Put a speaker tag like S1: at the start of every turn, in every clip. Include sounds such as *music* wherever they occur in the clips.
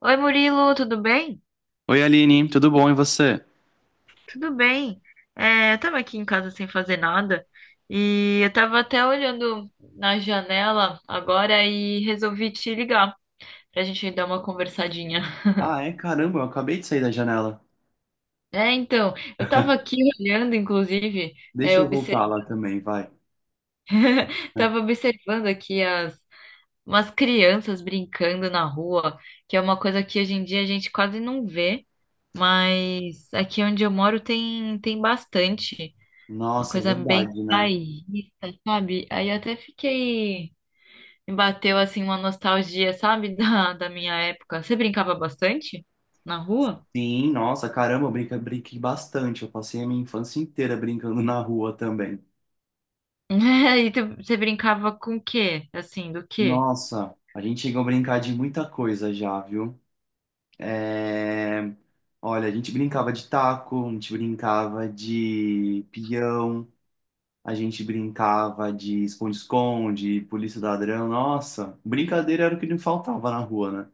S1: Oi, Murilo, tudo bem?
S2: Oi, Aline, tudo bom e você?
S1: Tudo bem. É, eu tava aqui em casa sem fazer nada e eu tava até olhando na janela agora e resolvi te ligar pra gente dar uma conversadinha.
S2: Ah, é? Caramba, eu acabei de sair da janela.
S1: É, então, eu tava aqui olhando, inclusive, é,
S2: Deixa eu
S1: obser-
S2: voltar lá também, vai.
S1: *laughs* tava observando aqui as umas crianças brincando na rua, que é uma coisa que hoje em dia a gente quase não vê, mas aqui onde eu moro tem bastante. Uma
S2: Nossa, é
S1: coisa bem
S2: verdade, né?
S1: bairrista, sabe? Aí eu até fiquei. Me bateu assim uma nostalgia, sabe? *laughs* Da minha época. Você brincava bastante na rua?
S2: Sim, nossa, caramba, eu brinquei bastante. Eu passei a minha infância inteira brincando na rua também.
S1: *laughs* E você brincava com o quê? Assim, do quê?
S2: Nossa, a gente chegou a brincar de muita coisa já, viu? É... Olha, a gente brincava de taco, a gente brincava de pião, a gente brincava de esconde-esconde, polícia e ladrão. Nossa, brincadeira era o que não faltava na rua, né?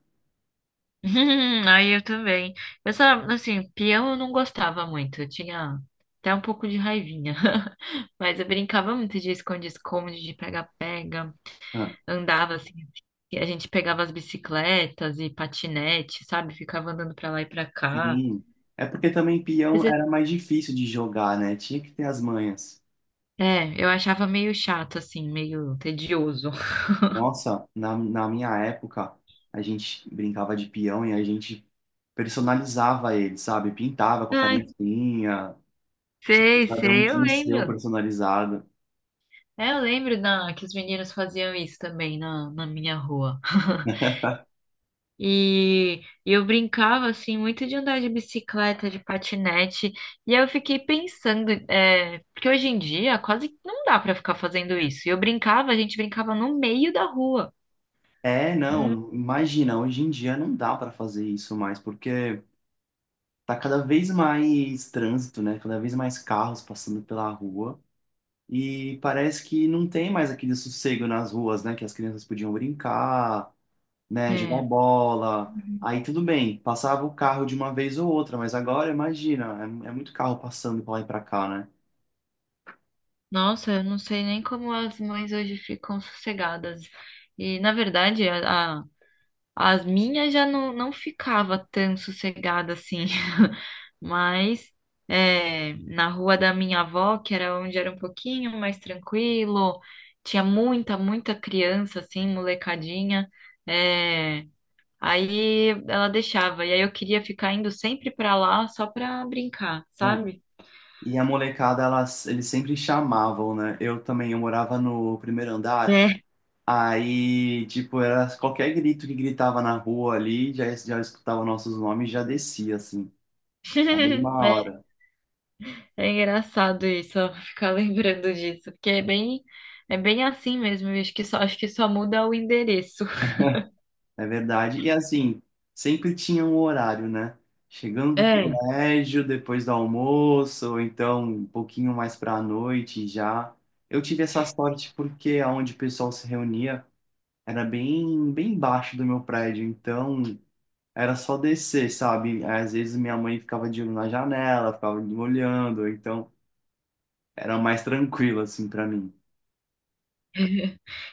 S1: *laughs* Aí eu também. Eu só, assim, peão eu não gostava muito. Eu tinha até um pouco de raivinha. *laughs* Mas eu brincava muito de esconde-esconde, de pega-pega,
S2: Ah,
S1: andava assim, e a gente pegava as bicicletas e patinete, sabe? Ficava andando pra lá e pra cá.
S2: sim. É porque também
S1: Mas
S2: peão
S1: é,
S2: era mais difícil de jogar, né? Tinha que ter as manhas.
S1: é, eu achava meio chato, assim, meio tedioso. *laughs*
S2: Nossa, na minha época, a gente brincava de peão e a gente personalizava ele, sabe? Pintava com a
S1: Ai,
S2: canetinha. Tipo,
S1: sei,
S2: cada um
S1: sei, eu
S2: tinha o seu
S1: lembro.
S2: personalizado.
S1: É, eu lembro da, que os meninos faziam isso também na, na minha rua. *laughs* E eu brincava, assim, muito de andar de bicicleta, de patinete. E aí eu fiquei pensando, é, porque hoje em dia quase não dá pra ficar fazendo isso. E eu brincava, a gente brincava no meio da rua.
S2: É, não, imagina, hoje em dia não dá pra fazer isso mais, porque tá cada vez mais trânsito, né? Cada vez mais carros passando pela rua. E parece que não tem mais aquele sossego nas ruas, né? Que as crianças podiam brincar, né? Jogar
S1: É.
S2: bola. Aí tudo bem, passava o carro de uma vez ou outra, mas agora imagina, é, é muito carro passando pra lá e pra cá, né?
S1: Nossa, eu não sei nem como as mães hoje ficam sossegadas. E, na verdade, as minhas já não ficava tão sossegada assim. *laughs* Mas é, na rua da minha avó, que era onde era um pouquinho mais tranquilo, tinha muita, muita criança, assim, molecadinha. É, aí ela deixava. E aí eu queria ficar indo sempre pra lá só pra brincar,
S2: Mano,
S1: sabe?
S2: e a molecada, elas, eles sempre chamavam, né? Eu também, eu morava no primeiro andar,
S1: É.
S2: aí, tipo, era qualquer grito que gritava na rua ali, já, já escutava nossos nomes, e já descia, assim. A mesma
S1: *laughs*
S2: hora,
S1: É engraçado isso, ó, *laughs* ficar lembrando disso, porque é bem assim mesmo, eu acho que só muda o endereço.
S2: é verdade. E assim, sempre tinha um horário, né? Chegando do
S1: É. *laughs*
S2: colégio, depois do almoço, ou então um pouquinho mais para a noite já. Eu tive essa sorte porque aonde o pessoal se reunia era bem, bem baixo do meu prédio, então era só descer, sabe? Às vezes minha mãe ficava de olho na janela, ficava me olhando, então era mais tranquilo assim para mim.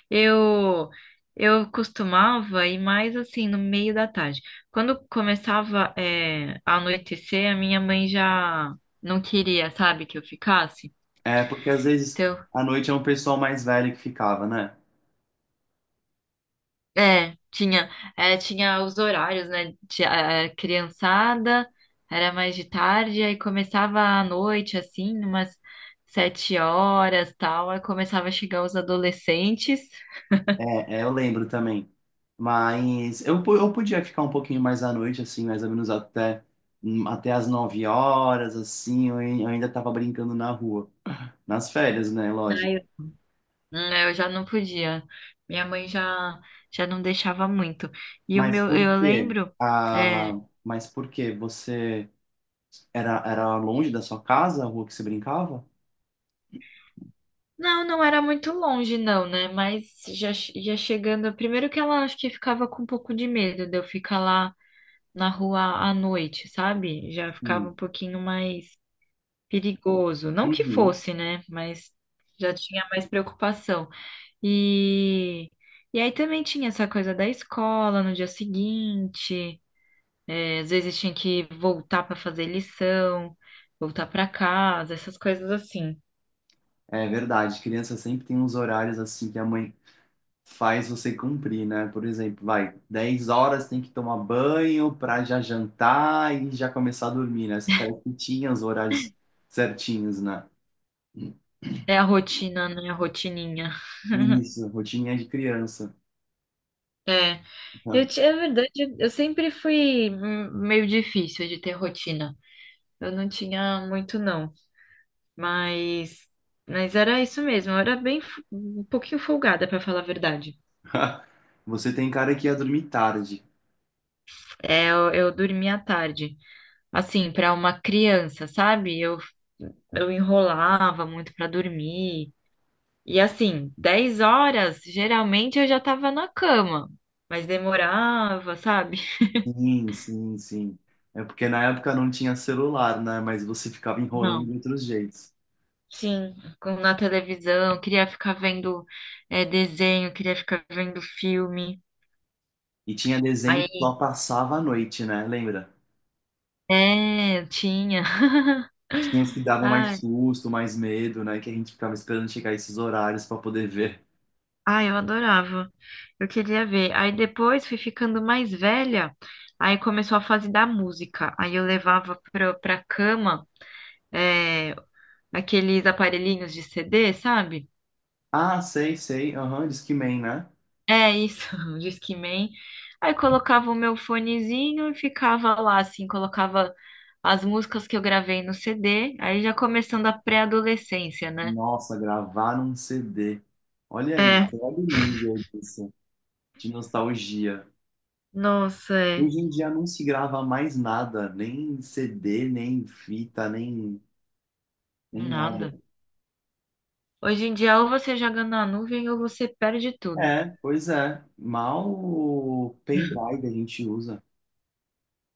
S1: Eu eu costumava ir mais assim no meio da tarde. Quando começava é, a anoitecer, a minha mãe já não queria, sabe, que eu ficasse.
S2: É, porque às vezes
S1: Então
S2: à noite é um pessoal mais velho que ficava, né?
S1: é, tinha, é, tinha os horários, né? Tinha, é, criançada, era mais de tarde, aí começava à noite, assim, umas 7 horas, tal, aí começava a chegar os adolescentes.
S2: É, é, eu lembro também. Mas eu podia ficar um pouquinho mais à noite, assim, mais ou menos até as 9 horas, assim, eu ainda tava brincando na rua. Nas férias, né?
S1: Aí
S2: Lógico.
S1: eu já não podia. Minha mãe já, já não deixava muito. E o
S2: Mas
S1: meu,
S2: por
S1: eu
S2: quê?
S1: lembro, é,
S2: Ah, mas por quê? Você era, era longe da sua casa, a rua que você brincava?
S1: não, não era muito longe, não, né? Mas já, che- já chegando, primeiro que ela acho que ficava com um pouco de medo de eu ficar lá na rua à noite, sabe? Já ficava um
S2: Hum.
S1: pouquinho mais perigoso. Não que
S2: Uhum.
S1: fosse, né? Mas já tinha mais preocupação. E, e aí também tinha essa coisa da escola no dia seguinte, é, às vezes tinha que voltar para fazer lição, voltar para casa, essas coisas assim.
S2: É verdade, criança sempre tem uns horários assim que a mãe faz você cumprir, né? Por exemplo, vai, 10 horas tem que tomar banho para já jantar e já começar a dormir, né? Você parece que tinha os horários certinhos, né?
S1: É a rotina, né? A rotininha. *laughs*
S2: Isso, rotininha de criança.
S1: É. Eu, é verdade, eu sempre fui meio difícil de ter rotina. Eu não tinha muito, não. Mas, mas era isso mesmo. Eu era bem fu- um pouquinho folgada, pra falar a verdade.
S2: *laughs* Você tem cara que ia dormir tarde.
S1: É, eu dormia à tarde, assim, pra uma criança, sabe? Eu enrolava muito pra dormir. E assim, 10 horas, geralmente eu já tava na cama, mas demorava, sabe? *laughs*
S2: Sim, sim, sim. É porque na época não tinha celular, né? Mas você ficava enrolando de
S1: Não.
S2: outros jeitos.
S1: Sim, na televisão, queria ficar vendo é, desenho, queria ficar vendo filme.
S2: E tinha desenho que
S1: Aí,
S2: só passava a noite, né? Lembra?
S1: é, tinha.
S2: Tinha os que
S1: *laughs*
S2: davam mais
S1: Ai.
S2: susto, mais medo, né? Que a gente ficava esperando chegar esses horários para poder ver.
S1: Ah, eu adorava. Eu queria ver. Aí depois fui ficando mais velha, aí começou a fase da música. Aí eu levava pra cama é, aqueles aparelhinhos de CD, sabe?
S2: Ah, sei, sei. Aham, Discman, né?
S1: É isso, *laughs* o Discman. Aí colocava o meu fonezinho e ficava lá, assim, colocava as músicas que eu gravei no CD. Aí já começando a pré-adolescência, né?
S2: Nossa, gravar num CD. Olha aí,
S1: É,
S2: você olha o nível disso, de nostalgia.
S1: nossa, é.
S2: Hoje em dia não se grava mais nada, nem CD, nem fita, nem, nem
S1: Nada.
S2: nada.
S1: Hoje em dia, ou você joga na nuvem ou você perde tudo.
S2: É, pois é. Mal o pendrive a gente usa.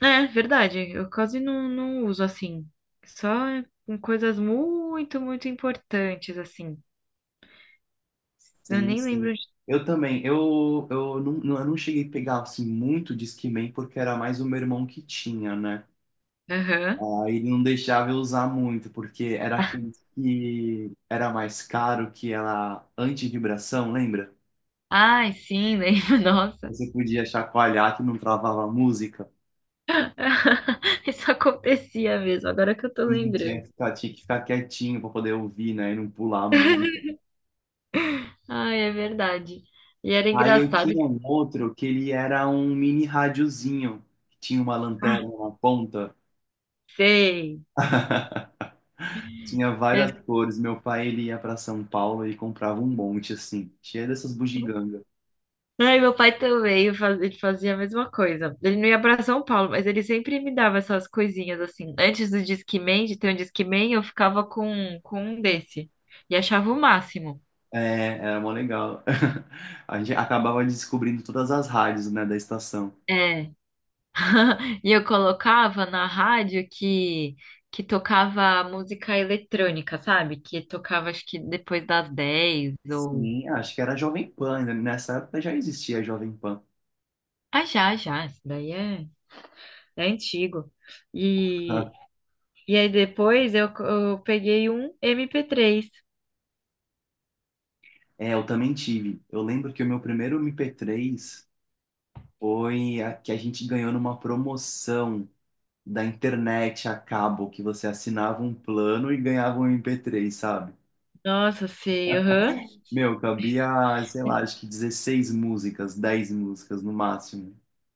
S1: É, verdade. Eu quase não, não uso assim. Só com, coisas muito, muito importantes, assim. Eu
S2: Sim,
S1: nem
S2: sim.
S1: lembro. de-
S2: Eu também. Eu não cheguei a pegar assim, muito Discman, porque era mais o meu irmão que tinha, né?
S1: Aham.
S2: Aí não deixava eu usar muito, porque era aquele que era mais caro que era anti-vibração, lembra?
S1: Ai, sim, lembro. *laughs* Nossa.
S2: Você podia chacoalhar que não travava a música.
S1: *laughs* Isso acontecia mesmo, agora que eu tô
S2: E tinha
S1: lembrando.
S2: que ficar, tinha que ficar quietinho para poder ouvir, né? E não pular a música.
S1: Ai, é verdade. E era
S2: Aí eu
S1: engraçado.
S2: tinha um outro que ele era um mini radiozinho, que tinha uma
S1: Ah,
S2: lanterna na ponta.
S1: sei.
S2: *laughs* Tinha várias cores. Meu pai ele ia para São Paulo e comprava um monte assim, cheio dessas bugigangas.
S1: Ai, meu pai também, ele fazia a mesma coisa. Ele não ia pra São Paulo, mas ele sempre me dava essas coisinhas assim. Antes do Discman, de ter um Discman, eu ficava com um desse. E achava o máximo.
S2: É, era mó legal. *laughs* A gente acabava descobrindo todas as rádios, né, da estação.
S1: É. *laughs* E eu colocava na rádio que tocava música eletrônica, sabe? Que tocava acho que depois das 10 ou.
S2: Sim, acho que era Jovem Pan, né? Nessa época já existia Jovem Pan.
S1: Ah, já, já. Isso daí é, é antigo. E,
S2: *laughs*
S1: e aí depois eu peguei um MP3.
S2: É, eu também tive. Eu lembro que o meu primeiro MP3 foi a que a gente ganhou numa promoção da internet a cabo, que você assinava um plano e ganhava um MP3, sabe?
S1: Nossa, sei, aham.
S2: Meu, cabia, sei lá, acho que 16 músicas, 10 músicas no máximo.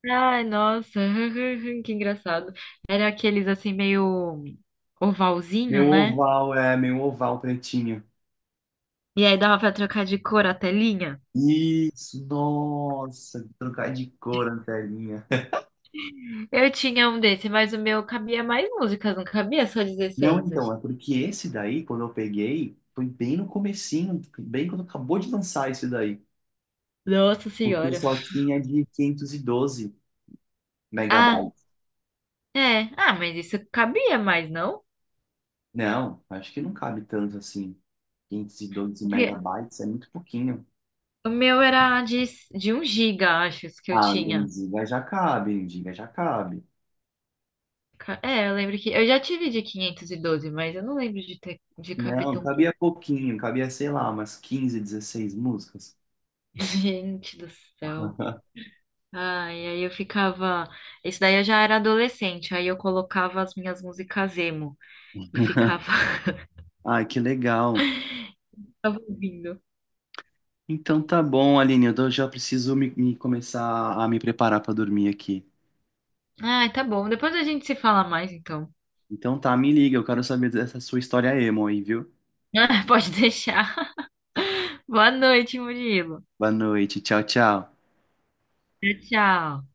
S1: Ai, nossa, *laughs* que engraçado. Era aqueles assim meio ovalzinho,
S2: Meu
S1: né?
S2: oval, é, meu oval pretinho.
S1: E aí dava pra trocar de cor a telinha.
S2: Isso, nossa, trocar de cor a telinha.
S1: Eu tinha um desse, mas o meu cabia mais músicas, não cabia só
S2: Não,
S1: dezesseis.
S2: então,
S1: acho.
S2: é porque esse daí, quando eu peguei, foi bem no comecinho, bem quando acabou de lançar esse daí.
S1: Nossa
S2: Porque
S1: senhora.
S2: só tinha de quinhentos e doze
S1: Ah,
S2: megabytes.
S1: é. Ah, mas isso cabia mais, não?
S2: Não, acho que não cabe tanto assim. 512
S1: Porque
S2: megabytes é muito pouquinho.
S1: o meu era de 1 giga, acho, os que eu
S2: Ah, um
S1: tinha.
S2: giga já cabe, 1 giga já cabe.
S1: É, eu lembro que. Eu já tive de 512, mas eu não lembro de ter de caber
S2: Não,
S1: tão pouco.
S2: cabia pouquinho, cabia, sei lá, umas 15, 16 músicas.
S1: *laughs* Gente do céu.
S2: *laughs*
S1: Ah, e aí eu ficava. Isso daí eu já era adolescente, aí eu colocava as minhas músicas emo e ficava *laughs*
S2: Ai, que legal.
S1: ficava ouvindo.
S2: Então tá bom, Aline, já preciso me começar a me preparar pra dormir aqui.
S1: Ah, tá bom. Depois a gente se fala mais, então. *laughs*
S2: Então tá, me liga, eu quero saber dessa sua história emo aí, viu?
S1: Ah, pode deixar. Boa noite, Murilo.
S2: Boa noite, tchau, tchau.
S1: Tchau, tchau.